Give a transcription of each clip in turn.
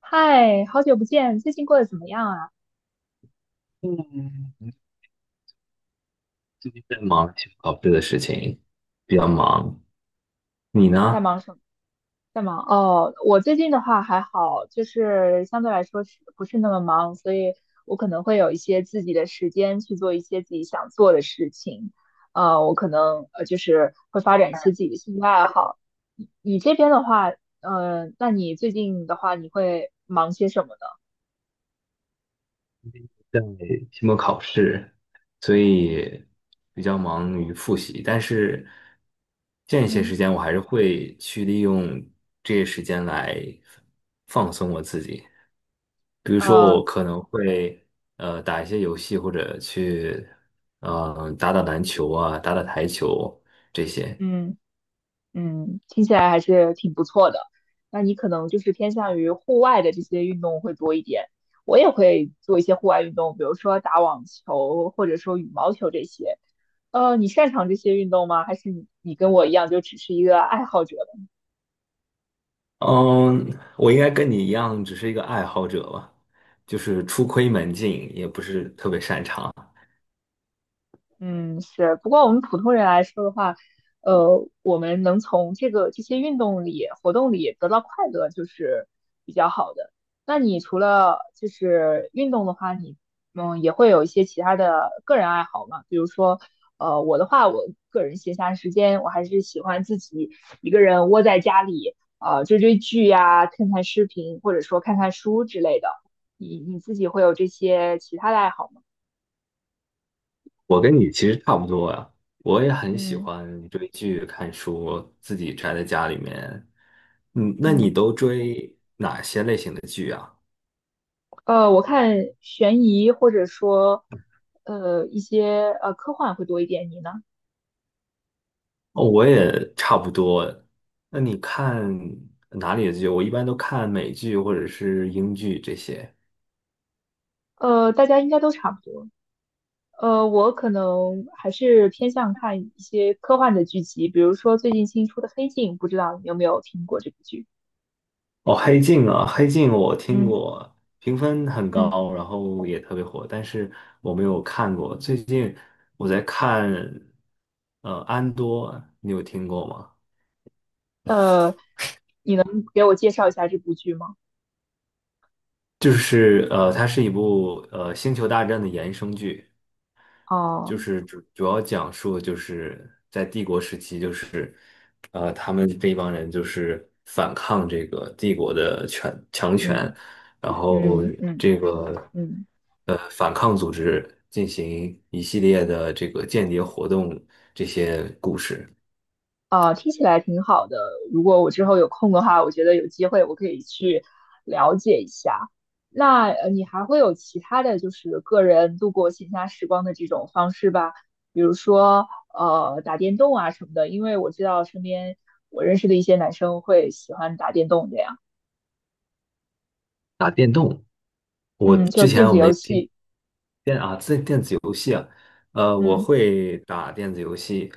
嗨，好久不见，最近过得怎么样啊？嗯，最近在忙期末考试的事情，比较忙。你在呢？忙什么？在忙哦，我最近的话还好，就是相对来说是不是那么忙，所以我可能会有一些自己的时间去做一些自己想做的事情。我可能就是会发展一些自己的兴趣爱好。你这边的话，那你最近的话，你会忙些什么呢？期末考试，所以比较忙于复习。但是间歇时嗯，间，我还是会去利用这些时间来放松我自己。比如说，呃，我可能会打一些游戏，或者去打打篮球啊，打打台球这些。嗯。嗯，听起来还是挺不错的。那你可能就是偏向于户外的这些运动会多一点。我也会做一些户外运动，比如说打网球或者说羽毛球这些。你擅长这些运动吗？还是你跟我一样就只是一个爱好者？嗯，我应该跟你一样，只是一个爱好者吧，就是初窥门径，也不是特别擅长。嗯，是。不过我们普通人来说的话，我们能从这些运动里、活动里得到快乐，就是比较好的。那你除了就是运动的话，你嗯也会有一些其他的个人爱好嘛？比如说，我的话，我个人闲暇时间，我还是喜欢自己一个人窝在家里，追追剧呀、看看视频，或者说看看书之类的。你你自己会有这些其他的爱好吗？我跟你其实差不多呀，我也很喜嗯欢追剧、看书，自己宅在家里面。嗯，那嗯。你嗯。都追？我看悬疑或者说呃一些呃科幻会多一点，你呢？哦，我也差不多啊。那你看哪里的剧？我一般都看美剧或者是英剧这些。大家应该都差不多。我可能还是偏向看一些科幻的剧集，比如说最近新出的《黑镜》，不知道你有没有听过这部剧？哦，黑镜啊，黑镜我听嗯过，评分很嗯，高，然后也特别火，但是我没有看过。最近我在看，安多，你有听过吗？呃，你能给我介绍一下这部剧吗？就是它是一部《星球大战》的衍生剧。哦，就是主要讲述就是在帝国时期，就是他们这一帮人就是反抗这个帝国的权强权，嗯然后嗯嗯这个嗯。反抗组织进行一系列的这个间谍活动这些故事。啊，听起来挺好的。如果我之后有空的话，我觉得有机会我可以去了解一下。那你还会有其他的就是个人度过闲暇时光的这种方式吧？比如说打电动啊什么的。因为我知道身边我认识的一些男生会喜欢打电动这样。打电动，我嗯，就之电前我子没游听，戏。我嗯会打电子游戏，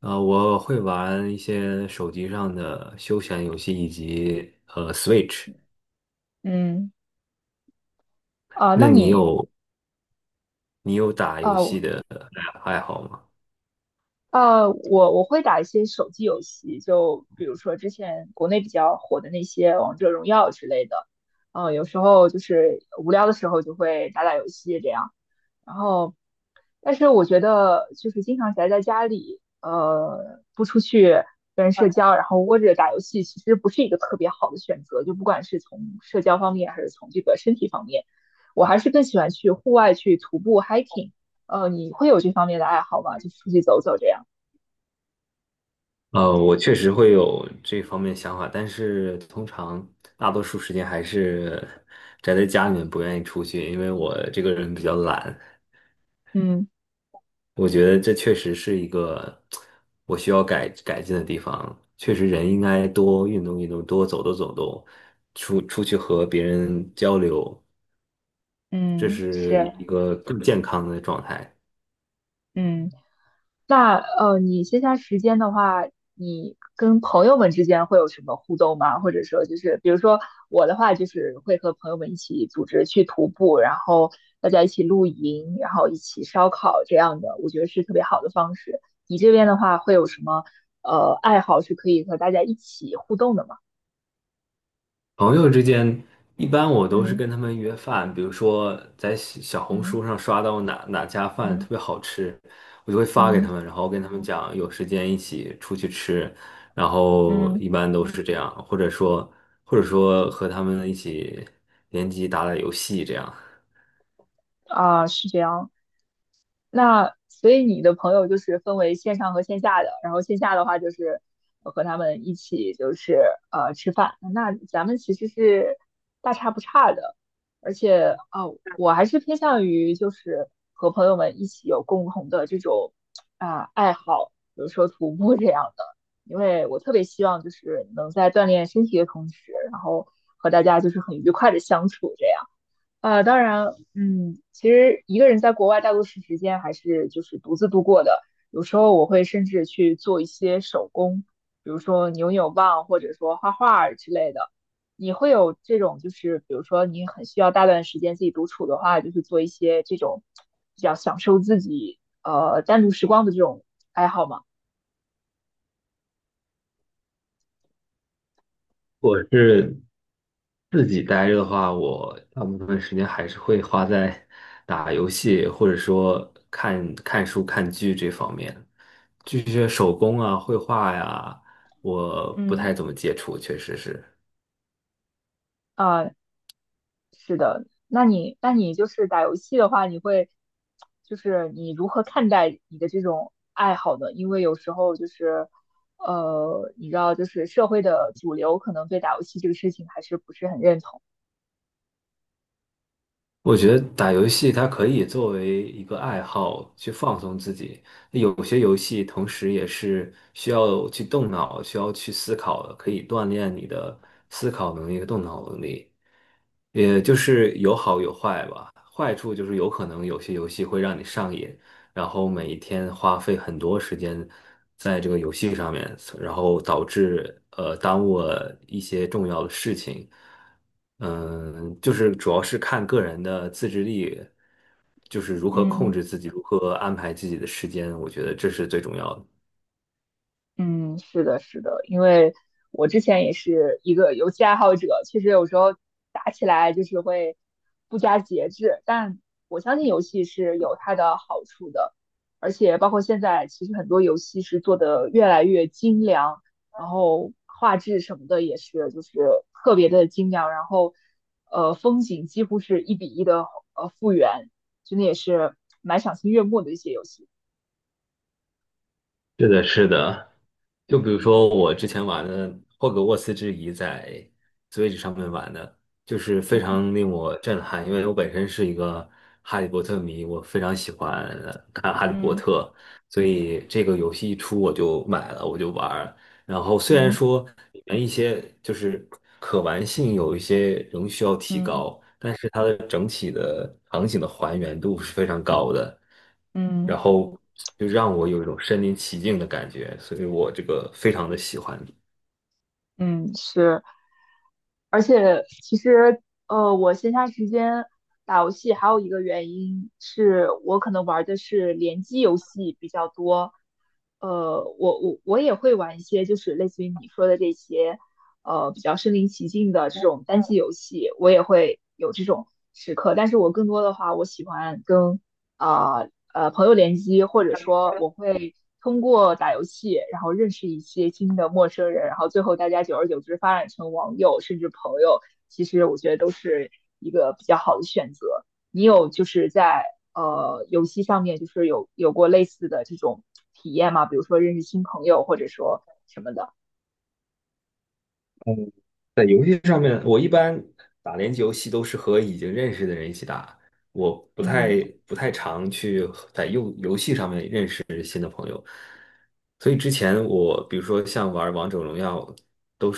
我会玩一些手机上的休闲游戏以及Switch。嗯。啊，那那你你有你有打啊，游戏的爱好吗？我会打一些手机游戏，就比如说之前国内比较火的那些《王者荣耀》之类的。有时候就是无聊的时候就会打打游戏这样。然后，但是我觉得就是经常宅在家里，不出去跟人社交，然后窝着打游戏，其实不是一个特别好的选择。就不管是从社交方面，还是从这个身体方面，我还是更喜欢去户外去徒步 hiking。你会有这方面的爱好吗？就出去走走这样。我确实会有这方面想法，但是通常大多数时间还是宅在家里面，不愿意出去，因为我这个人比较懒。嗯我觉得这确实是一个我需要改进的地方。确实，人应该多运动运动，多走动走动，出出去和别人交流，这嗯，是一是，个更健康的状态。嗯，那你线下时间的话，你跟朋友们之间会有什么互动吗？或者说，就是比如说我的话，就是会和朋友们一起组织去徒步，然后大家一起露营，然后一起烧烤这样的，我觉得是特别好的方式。你这边的话，会有什么爱好是可以和大家一起互动的吗？朋友之间，一般我都是嗯跟他们约饭，比如说在小小红嗯书上刷到哪家饭特嗯别好吃，我就会发给嗯他们，然后跟他们讲有时间一起出去吃，然后嗯一般都是这样，或者说和他们一起联机打打游戏这样。啊，是这样。那所以你的朋友就是分为线上和线下的，然后线下的话就是和他们一起就是吃饭。那咱们其实是大差不差的，而且啊、我还是偏向于就是和朋友们一起有共同的这种啊、爱好，比如说徒步这样的，因为我特别希望就是能在锻炼身体的同时，然后和大家就是很愉快的相处这样。当然，嗯，其实一个人在国外大多数时间还是就是独自度过的。有时候我会甚至去做一些手工，比如说扭扭棒，或者说画画儿之类的。你会有这种就是，比如说你很需要大段时间自己独处的话，就是做一些这种比较享受自己单独时光的这种爱好吗？我是自己待着的话，我大部分时间还是会花在打游戏，或者说看看书、看剧这方面。这些手工啊、绘画呀，我不嗯。太怎么接触，确实是。啊。那你就是打游戏的话，你会就是你如何看待你的这种爱好呢？因为有时候就是你知道，就是社会的主流可能对打游戏这个事情还是不是很认同。我觉得打游戏它可以作为一个爱好去放松自己，有些游戏同时也是需要去动脑、需要去思考的，可以锻炼你的思考能力和动脑能力。也就是有好有坏吧，坏处就是有可能有些游戏会让你上瘾，然后每一天花费很多时间在这个游戏上面，然后导致耽误了一些重要的事情。嗯，就是主要是看个人的自制力，就是如何控嗯。制自己，如何安排自己的时间，我觉得这是最重要的。嗯，是的，是的，因为我之前也是一个游戏爱好者，其实有时候打起来就是会不加节制，但我相信游戏是有它的好处的，而且包括现在，其实很多游戏是做的越来越精良，然后画质什么的也是就是特别的精良，然后风景几乎是一比一的复原，真的也是蛮赏心悦目的一些游戏。是的，是的。就比如嗯说我之前玩的《霍格沃茨之遗》在 Switch 上面玩的，就是非嗯常令我震撼，因为我本身是一个哈利波特迷，我非常喜欢看哈利波嗯特，所以这个游戏一出我就买了，我就玩儿。然后虽然嗯说里面一些就是可玩性有一些仍需要提嗯。高，场景的还原度是非常高的，然嗯后就让我有一种身临其境的感觉，所以我这个非常的喜欢。嗯是，而且其实我闲暇时间打游戏还有一个原因是我可能玩的是联机游戏比较多，我也会玩一些就是类似于你说的这些比较身临其境的这种单机游戏，我也会有这种时刻，但是我更多的话，我喜欢跟啊，朋友联机，或者说我会通过打游戏，然后认识一些新的陌生人，然后最后大家久而久之发展成网友甚至朋友，其实我觉得都是一个比较好的选择。你有就是在游戏上面就是有过类似的这种体验吗？比如说认识新朋友，或者说什么的？在游戏上面，我一般打联机游戏都是和已经认识的人一起打，我不嗯太不太常去和在游戏上面认识新的朋友。所以之前我比如说像玩王者荣耀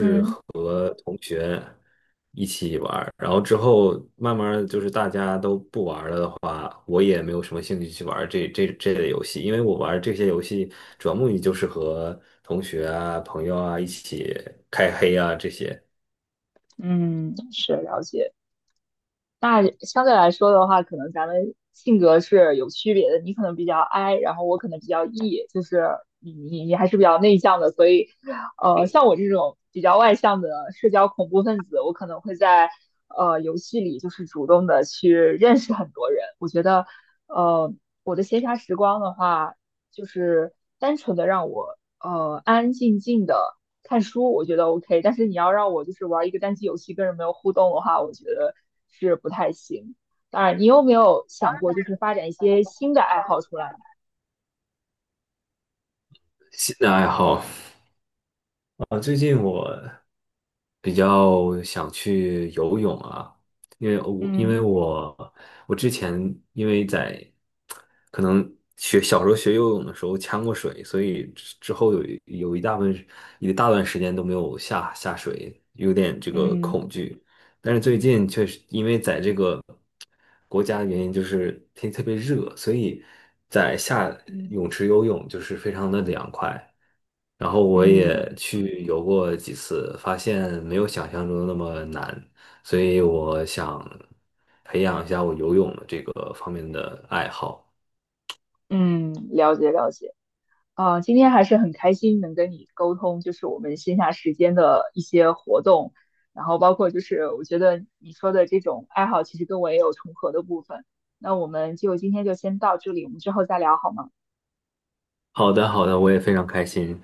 嗯一起玩，然后之后慢慢地就是大家都不玩了的话，我也没有什么兴趣去玩这类游戏，因为我玩这些游戏主要目的就是和同学啊、朋友啊一起开黑啊这些嗯，是了解。那相对来说的话，可能咱们性格是有区别的。你可能比较 I，然后我可能比较 E，就是你还是比较内向的，所以，像我这种比较外向的社交恐怖分子，我可能会在游戏里就是主动的去认识很多人。我觉得，呃，我的闲暇时光的话，就是单纯的让我安安静静的。看书我觉得 OK，但是你要让我就是玩一个单机游戏跟人没有互动的话，我觉得是不太行。当然，你有没有想过就是发展一些新的爱好出来呢新的爱好。啊，最近我比较想去游泳啊，因为我因为嗯我我之前因为在可能学小时候学游泳的时候呛过水，所以之后有一有一大部分一大段时间都没有下水，有点这个嗯恐惧。但是最近确实因为在这个国家的原因，就是天气特别热，所以在下嗯泳池游泳就是非常的凉快。然后我也嗯去游过几次，发现没有想象中的那么难，所以我想培养一下我游泳的这个方面的爱好。嗯，了解了解。啊，今天还是很开心能跟你沟通，就是我们线下时间的一些活动，然后包括就是我觉得你说的这种爱好，其实跟我也有重合的部分。那我们就今天就先到这里，我们之后再聊好吗？好的，好的，我也非常开心，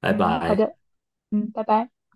拜嗯好拜。的，嗯嗯。拜拜。